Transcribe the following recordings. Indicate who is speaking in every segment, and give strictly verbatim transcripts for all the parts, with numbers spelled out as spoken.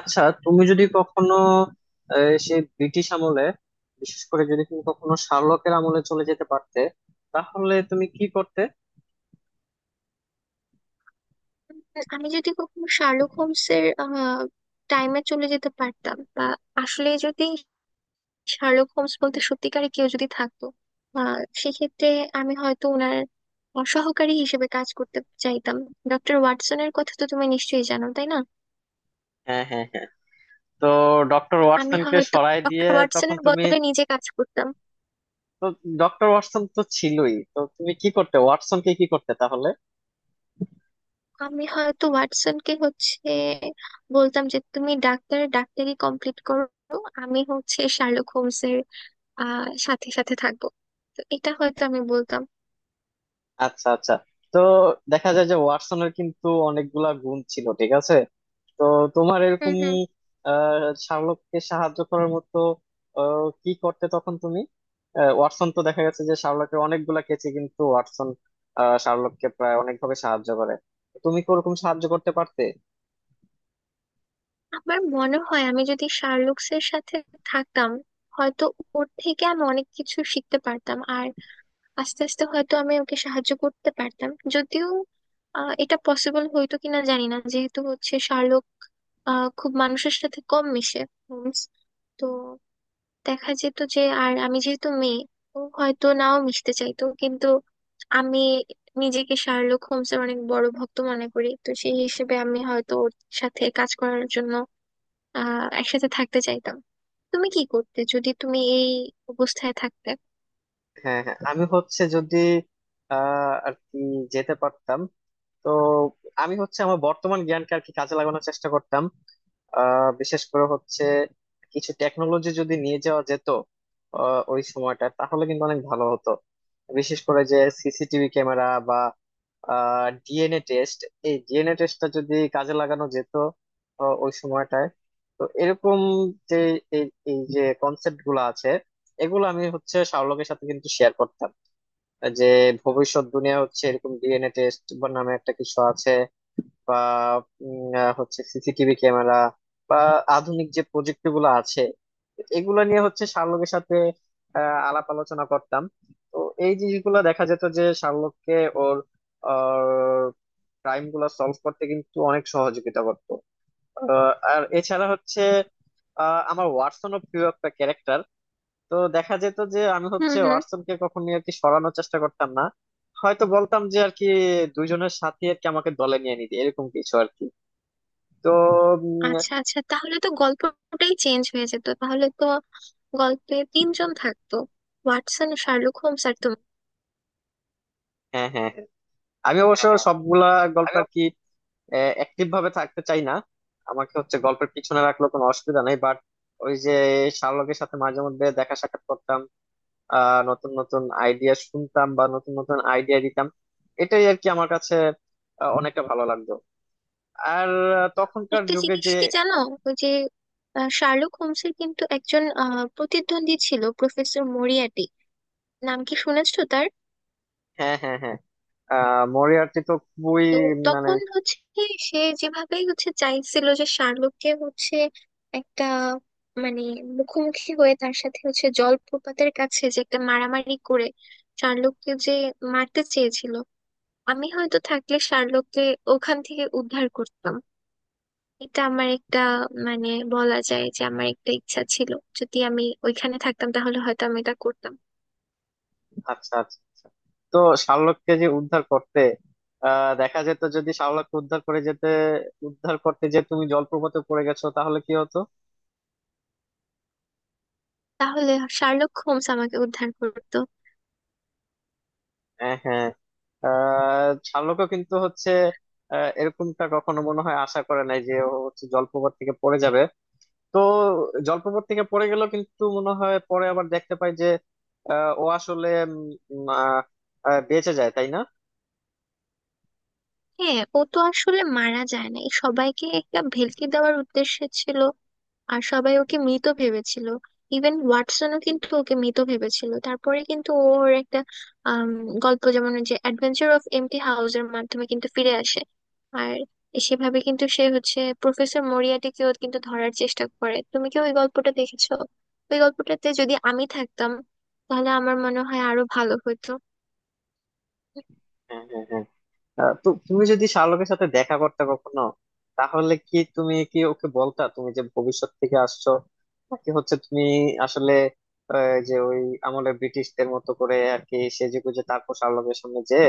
Speaker 1: আচ্ছা, তুমি যদি কখনো আহ, সেই ব্রিটিশ আমলে বিশেষ করে যদি তুমি কখনো শার্লকের আমলে চলে যেতে পারতে তাহলে তুমি কি করতে?
Speaker 2: আমি যদি কখনো শার্লক হোমসের টাইমে চলে যেতে পারতাম বা আসলে যদি শার্লক হোমস বলতে সত্যিকারে কেউ যদি থাকতো, আহ সেক্ষেত্রে আমি হয়তো ওনার সহকারী হিসেবে কাজ করতে চাইতাম। ডক্টর ওয়াটসনের কথা তো তুমি নিশ্চয়ই জানো, তাই না?
Speaker 1: হ্যাঁ হ্যাঁ হ্যাঁ। তো ডক্টর
Speaker 2: আমি
Speaker 1: ওয়াটসনকে
Speaker 2: হয়তো
Speaker 1: সরাই দিয়ে
Speaker 2: ডক্টর
Speaker 1: তখন
Speaker 2: ওয়াটসনের
Speaker 1: তুমি,
Speaker 2: বদলে নিজে কাজ করতাম।
Speaker 1: তো ডক্টর ওয়াটসন তো ছিলই, তো তুমি কি করতে? ওয়াটসনকে কি করতে তাহলে?
Speaker 2: আমি হয়তো ওয়াটসনকে হচ্ছে বলতাম যে তুমি ডাক্তার, ডাক্তারি কমপ্লিট করো, আমি হচ্ছে শার্লক হোমসের আহ সাথে সাথে থাকবো। তো এটা হয়তো আমি বলতাম।
Speaker 1: আচ্ছা আচ্ছা। তো দেখা যায় যে ওয়াটসনের কিন্তু অনেকগুলা গুণ ছিল, ঠিক আছে। তো তোমার
Speaker 2: হুম
Speaker 1: এরকম
Speaker 2: হুম।
Speaker 1: আহ শার্লককে সাহায্য করার মতো আহ, কি করতে তখন তুমি? আহ, ওয়াটসন তো দেখা গেছে যে শার্লকের অনেকগুলা কেচে কিন্তু ওয়াটসন আহ, শার্লককে প্রায় অনেকভাবে সাহায্য করে। তো তুমি কি ওরকম সাহায্য করতে পারতে?
Speaker 2: আমার মনে হয় আমি যদি শার্লুকসের সাথে থাকতাম, হয়তো ওর থেকে আমি অনেক কিছু শিখতে পারতাম আর আস্তে আস্তে হয়তো আমি ওকে সাহায্য করতে পারতাম। যদিও আহ, এটা পসিবল হয়তো কিনা জানি না, যেহেতু হচ্ছে শার্লক আহ, খুব মানুষের সাথে কম মিশে, হোমস। তো দেখা যেত যে আর আমি যেহেতু মেয়ে, ও হয়তো নাও মিশতে চাইতো, কিন্তু আমি নিজেকে শার্লক হোমসের অনেক বড় ভক্ত মনে করি, তো সেই হিসেবে আমি হয়তো ওর সাথে কাজ করার জন্য আহ একসাথে থাকতে চাইতাম। তুমি কি করতে যদি তুমি এই অবস্থায় থাকতে?
Speaker 1: হ্যাঁ হ্যাঁ, আমি হচ্ছে যদি আহ আর কি যেতে পারতাম, তো আমি হচ্ছে আমার বর্তমান জ্ঞানকে আর কি কাজে লাগানোর চেষ্টা করতাম। আহ বিশেষ করে হচ্ছে কিছু টেকনোলজি যদি নিয়ে যাওয়া যেত আহ, ওই সময়টা, তাহলে কিন্তু অনেক ভালো হতো। বিশেষ করে যে C C T V camera বা ডি এন এ টেস্ট, এই ডি এন এ টেস্টটা যদি কাজে লাগানো যেত আহ, ওই সময়টায়। তো এরকম যে এই এই যে কনসেপ্ট গুলো আছে এগুলো আমি হচ্ছে শাওলকের সাথে কিন্তু শেয়ার করতাম, যে ভবিষ্যৎ দুনিয়া হচ্ছে এরকম ডি এন এ টেস্ট বা নামে একটা কিছু আছে, বা উম, আহ, হচ্ছে C C T V camera বা আধুনিক যে প্রযুক্তি গুলো আছে এগুলো নিয়ে হচ্ছে শার্লকের সাথে আহ, আলাপ আলোচনা করতাম। তো এই জিনিসগুলো দেখা যেত যে শার্লককে ওর ক্রাইম গুলো সলভ করতে কিন্তু অনেক সহযোগিতা করতো। আহ, আর এছাড়া হচ্ছে আহ, আমার ওয়াটসন ও প্রিয় একটা ক্যারেক্টার। তো দেখা যেত যে আমি
Speaker 2: হুম
Speaker 1: হচ্ছে
Speaker 2: হুম।
Speaker 1: ওয়াটসনকে কখনোই আর কি সরানোর চেষ্টা করতাম না। হয়তো বলতাম যে আর কি দুইজনের সাথে আর কি আমাকে দলে নিয়ে নিতে এরকম কিছু আর কি তো উম,
Speaker 2: আচ্ছা আচ্ছা, তাহলে তো গল্পটাই চেঞ্জ হয়ে যেত, তাহলে তো গল্পে তিনজন থাকতো, ওয়াটসন, শার্লক হোমস আর তুমি।
Speaker 1: হ্যাঁ হ্যাঁ। আমি অবশ্য
Speaker 2: হ্যাঁ
Speaker 1: সবগুলা গল্প
Speaker 2: হ্যাঁ।
Speaker 1: আর কি অ্যাক্টিভ ভাবে থাকতে চাই না। আমাকে হচ্ছে গল্পের পিছনে রাখলেও কোনো অসুবিধা নেই, বাট ওই যে শার্লকের সাথে মাঝে মধ্যে দেখা সাক্ষাৎ করতাম। আহ নতুন নতুন আইডিয়া শুনতাম বা নতুন নতুন আইডিয়া দিতাম, এটাই আর কি আমার কাছে আহ, অনেকটা ভালো লাগতো। আর আহ, তখনকার
Speaker 2: একটা
Speaker 1: যুগে
Speaker 2: জিনিস
Speaker 1: যে
Speaker 2: কি জানো? ওই যে আহ, শার্লক হোমসের কিন্তু একজন আহ, প্রতিদ্বন্দ্বী ছিল, প্রফেসর মরিয়াটি, নাম কি শুনেছো তার?
Speaker 1: হ্যাঁ হ্যাঁ হ্যাঁ। আহ মরিয়ার্টি তো খুবই,
Speaker 2: তো
Speaker 1: মানে,
Speaker 2: তখন হচ্ছে কি, সে যেভাবেই হচ্ছে চাইছিল যে শার্লককে হচ্ছে একটা, মানে, মুখোমুখি হয়ে তার সাথে হচ্ছে জলপ্রপাতের কাছে যে একটা মারামারি করে শার্লককে যে মারতে চেয়েছিল, আমি হয়তো থাকলে শার্লককে ওখান থেকে উদ্ধার করতাম। এটা আমার একটা, মানে, বলা যায় যে আমার একটা ইচ্ছা ছিল। যদি আমি ওইখানে থাকতাম তাহলে হয়তো আমি এটা করতাম।
Speaker 1: আচ্ছা আচ্ছা আচ্ছা। তো শার্লককে যে উদ্ধার করতে আহ দেখা যেত, যদি শার্লককে উদ্ধার করে যেতে উদ্ধার করতে যে তুমি জলপ্রপাতে পড়ে গেছো তাহলে কি হতো?
Speaker 2: তাহলে শার্লক হোমস আমাকে উদ্ধার করতো।
Speaker 1: হ্যাঁ হ্যাঁ। আহ শার্লকও কিন্তু হচ্ছে আহ, এরকমটা কখনো মনে হয় আশা করে নাই যে ও হচ্ছে জলপ্রপাত থেকে পড়ে যাবে। তো জলপ্রপাত থেকে পড়ে গেল কিন্তু মনে হয় পরে আবার দেখতে পাই যে আহ, ও আসলে উম, আহ, আহ, বেঁচে যায়, তাই না?
Speaker 2: হ্যাঁ, ও তো আসলে মারা যায় না, এই সবাইকে একটা ভেলকি দেওয়ার উদ্দেশ্য ছিল আর সবাই ওকে মৃত ভেবেছিল। ইভেন ওয়াটসনও কিন্তু ওকে মৃত ভেবেছিল, তারপরে কিন্তু ওর একটা আম, গল্প, যেমন ওই যে অ্যাডভেঞ্চার অফ এমটি হাউসের মাধ্যমে কিন্তু ফিরে আসে, আর সেভাবে কিন্তু সে হচ্ছে প্রফেসর মরিয়াটিকেও কিন্তু ধরার চেষ্টা করে। তুমি কি ওই গল্পটা দেখেছো? ওই গল্পটাতে যদি আমি থাকতাম তাহলে আমার মনে হয় আরো ভালো হতো।
Speaker 1: হ্যাঁ হ্যাঁ হ্যাঁ। আহ, তো তুমি যদি শাহরুখের সাথে দেখা করতে কখনো তাহলে কি তুমি কি ওকে বলতা তুমি যে ভবিষ্যৎ থেকে আসছো, নাকি হচ্ছে তুমি আসলে আহ, যে ওই আমলে ব্রিটিশদের মতো করে আর কি সেজেগুজে তারপর শাহরুখের সামনে যে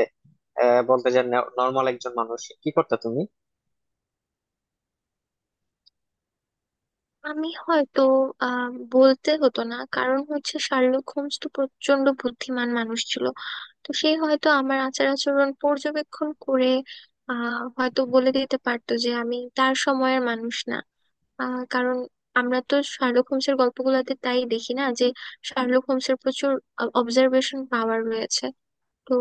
Speaker 1: আহ, বলতে যে নর্মাল একজন মানুষ, কি করতে তুমি?
Speaker 2: আমি হয়তো আহ বলতে হতো না, কারণ হচ্ছে শার্লক হোমস তো প্রচন্ড বুদ্ধিমান মানুষ ছিল, তো সে হয়তো আমার আচার আচরণ পর্যবেক্ষণ করে আহ হয়তো বলে দিতে পারতো যে আমি তার সময়ের মানুষ না। আহ কারণ আমরা তো শার্লক হোমসের গল্পগুলোতে তাই দেখি না, যে শার্লক হোমসের প্রচুর অবজারভেশন পাওয়ার রয়েছে। তো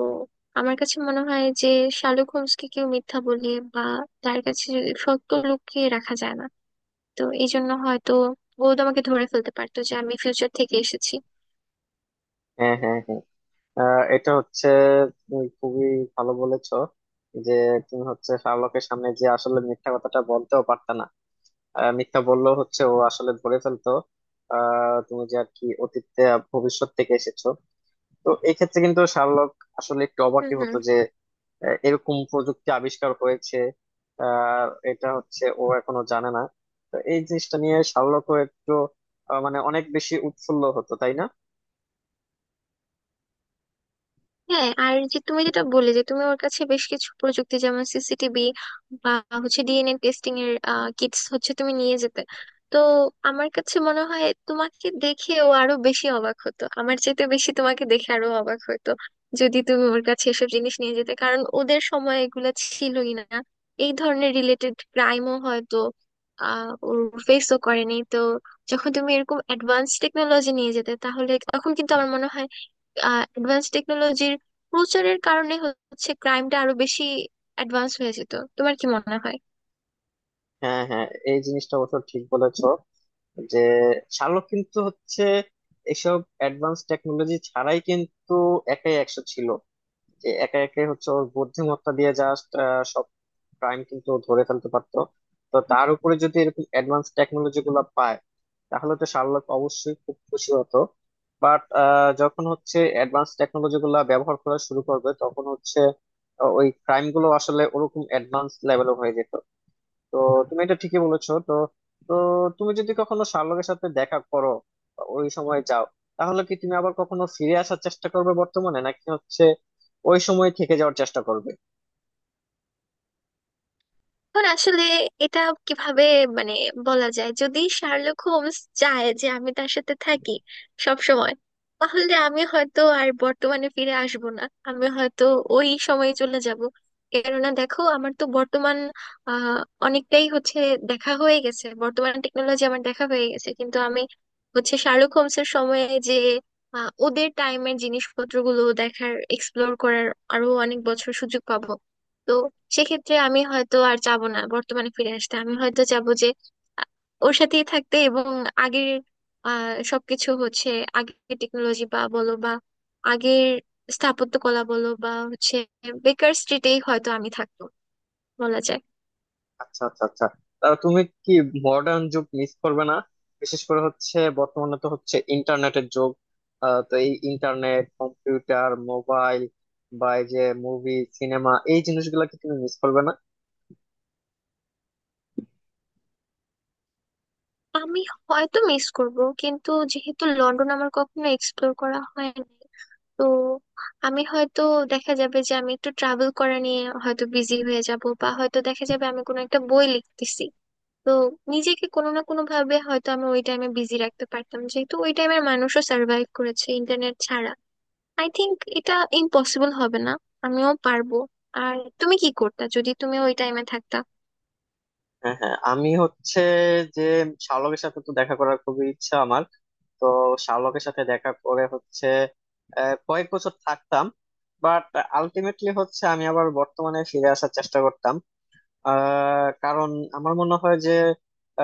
Speaker 2: আমার কাছে মনে হয় যে শার্লক হোমসকে কেউ মিথ্যা বলে বা তার কাছে সত্য লুকিয়ে রাখা যায় না। তো এই জন্য হয়তো ও তো আমাকে ধরে ফেলতে পারতো যে আমি ফিউচার থেকে এসেছি।
Speaker 1: হ্যাঁ হ্যাঁ হ্যাঁ। আহ, এটা হচ্ছে তুমি খুবই ভালো বলেছো, যে তুমি হচ্ছে শাহরুখের সামনে যে আসলে মিথ্যা কথাটা বলতেও পারতা না। আহ, মিথ্যা বললেও হচ্ছে ও আসলে ধরে ফেলতো আহ, তুমি যে আর কি অতীতে আর ভবিষ্যৎ থেকে এসেছো। তো এই ক্ষেত্রে কিন্তু শার্লক আসলে একটু
Speaker 2: হুম
Speaker 1: অবাকই হতো
Speaker 2: হুম।
Speaker 1: যে আহ, এরকম প্রযুক্তি আবিষ্কার হয়েছে আর এটা হচ্ছে ও এখনো জানে না। তো এই জিনিসটা নিয়ে শার্লকও একটু আহ, মানে অনেক বেশি উৎফুল্ল হতো, তাই না?
Speaker 2: হ্যাঁ, আর যে তুমি যেটা বললে যে তুমি ওর কাছে বেশ কিছু প্রযুক্তি যেমন সিসিটিভি বা হচ্ছে ডিএনএ টেস্টিং এর কিটস হচ্ছে তুমি নিয়ে যেতে, তো আমার কাছে মনে হয় তোমাকে দেখে ও আরো বেশি অবাক হতো, আমার চাইতে বেশি তোমাকে দেখে আরো অবাক হতো, যদি তুমি ওর কাছে এসব জিনিস নিয়ে যেতে, কারণ ওদের সময় এগুলো ছিলই না। এই ধরনের রিলেটেড ক্রাইমও হয়তো আহ ওর ফেসও করেনি, তো যখন তুমি এরকম অ্যাডভান্স টেকনোলজি নিয়ে যেতে, তাহলে তখন কিন্তু আমার মনে হয় অ্যাডভান্স টেকনোলজির প্রচারের কারণে হচ্ছে ক্রাইমটা আরো বেশি অ্যাডভান্স হয়ে যেত। তোমার কি মনে হয়?
Speaker 1: হ্যাঁ হ্যাঁ। এই জিনিসটা অবশ্য ঠিক বলেছো, যে শার্লক কিন্তু হচ্ছে এসব অ্যাডভান্স টেকনোলজি ছাড়াই কিন্তু একাই একশো ছিল। যে একে একে হচ্ছে ওর বুদ্ধিমত্তা দিয়ে জাস্ট সব ক্রাইম কিন্তু ও ধরে ফেলতে পারতো। তো তার উপরে যদি এরকম অ্যাডভান্স টেকনোলজি গুলো পায় তাহলে তো শার্লক অবশ্যই খুব খুশি হতো, বাট যখন হচ্ছে অ্যাডভান্স টেকনোলজি গুলা ব্যবহার করা শুরু করবে তখন হচ্ছে আহ, ওই ক্রাইম গুলো আসলে ওরকম অ্যাডভান্স লেভেলের হয়ে যেত। তো তুমি এটা ঠিকই বলেছো। তো তো তুমি যদি কখনো শার্লকের সাথে দেখা করো বা ওই সময় যাও তাহলে কি তুমি আবার কখনো ফিরে আসার চেষ্টা করবে বর্তমানে, নাকি হচ্ছে ওই সময় থেকে যাওয়ার চেষ্টা করবে?
Speaker 2: এখন আসলে এটা কিভাবে, মানে, বলা যায়, যদি শার্লক হোমস চায় যে আমি তার সাথে থাকি সব সময়, তাহলে আমি হয়তো আর বর্তমানে ফিরে আসব না, আমি হয়তো ওই সময়ে চলে যাব। কেননা দেখো, আমার তো বর্তমান আহ অনেকটাই হচ্ছে দেখা হয়ে গেছে, বর্তমান টেকনোলজি আমার দেখা হয়ে গেছে, কিন্তু আমি হচ্ছে শার্লক হোমসের সময়ে যে আহ, ওদের টাইমের জিনিসপত্রগুলো দেখার, এক্সপ্লোর করার আরো অনেক বছর সুযোগ পাবো। সেক্ষেত্রে আমি হয়তো আর যাব না বর্তমানে ফিরে আসতে, আমি হয়তো যাব যে, আ- ওর সাথেই থাকতে, এবং আগের আহ সবকিছু হচ্ছে, আগের টেকনোলজি বা বলো বা আগের স্থাপত্যকলা বলো বা হচ্ছে বেকার স্ট্রিটেই হয়তো আমি থাকতো, বলা যায়।
Speaker 1: আচ্ছা আচ্ছা আচ্ছা। তাহলে তুমি কি মডার্ন যুগ মিস করবে না? বিশেষ করে হচ্ছে বর্তমানে তো হচ্ছে ইন্টারনেটের যুগ। আহ, তো এই ইন্টারনেট, কম্পিউটার, মোবাইল বা এই যে মুভি সিনেমা, এই জিনিসগুলো কি তুমি মিস করবে না?
Speaker 2: আমি হয়তো মিস করব, কিন্তু যেহেতু লন্ডন আমার কখনো এক্সপ্লোর করা হয়নি, তো আমি হয়তো, দেখা যাবে যে আমি একটু ট্রাভেল করা নিয়ে হয়তো বিজি হয়ে যাব, বা হয়তো দেখা যাবে আমি কোনো একটা বই লিখতেছি। তো নিজেকে কোনো না কোনো ভাবে হয়তো আমি ওই টাইমে বিজি রাখতে পারতাম, যেহেতু ওই টাইমের মানুষও সার্ভাইভ করেছে ইন্টারনেট ছাড়া। আই থিংক এটা ইম্পসিবল হবে না, আমিও পারবো। আর তুমি কি করতা যদি তুমি ওই টাইমে থাকতা?
Speaker 1: হ্যাঁ হ্যাঁ, আমি হচ্ছে যে শাওলকের সাথে তো দেখা করার খুবই ইচ্ছা আমার। তো শাওলকের সাথে দেখা করে হচ্ছে আহ, কয়েক বছর থাকতাম, বাট আলটিমেটলি হচ্ছে আমি আবার বর্তমানে ফিরে আসার চেষ্টা করতাম। আহ, কারণ আমার মনে হয় যে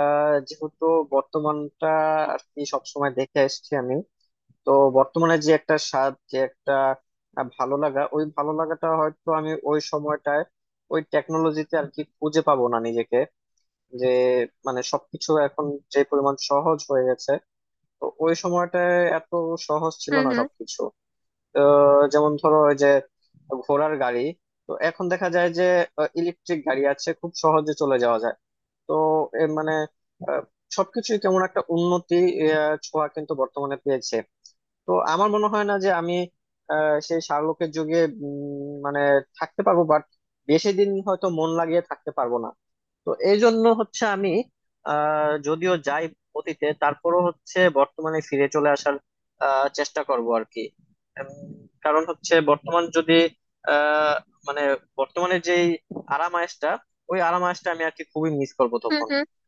Speaker 1: আহ, যেহেতু বর্তমানটা আর কি সবসময় দেখে এসেছি আমি, তো বর্তমানে যে একটা স্বাদ, যে একটা আহ, ভালো লাগা, ওই ভালো লাগাটা হয়তো আমি ওই সময়টায় ওই টেকনোলজিতে আর কি খুঁজে পাবো না নিজেকে। যে মানে সবকিছু এখন যে পরিমাণ সহজ হয়ে গেছে, তো ওই সময়টা এত সহজ ছিল
Speaker 2: হুম
Speaker 1: না
Speaker 2: হুম।
Speaker 1: সবকিছু। আহ, যেমন ধরো ওই যে ঘোড়ার গাড়ি, তো এখন দেখা যায় যে ইলেকট্রিক গাড়ি আছে, খুব সহজে চলে যাওয়া যায়। তো এ মানে আহ, সবকিছুই কেমন একটা উন্নতি আহ, ছোঁয়া কিন্তু বর্তমানে পেয়েছে। তো আমার মনে হয় না যে আমি আহ, সেই শার্লকের যুগে উম, মানে থাকতে পারবো। বাট বেশি দিন হয়তো মন লাগিয়ে থাকতে পারবো না। তো এই জন্য হচ্ছে আমি আহ যদিও যাই অতীতে, তারপরও হচ্ছে বর্তমানে ফিরে চলে আসার আহ, চেষ্টা করব আর কি উম, কারণ হচ্ছে বর্তমান যদি আহ মানে বর্তমানে যেই আরাম আয়েশটা, ওই আরাম আয়েশটা আমি আর কি খুবই মিস করব
Speaker 2: হুম
Speaker 1: তখন।
Speaker 2: হুম।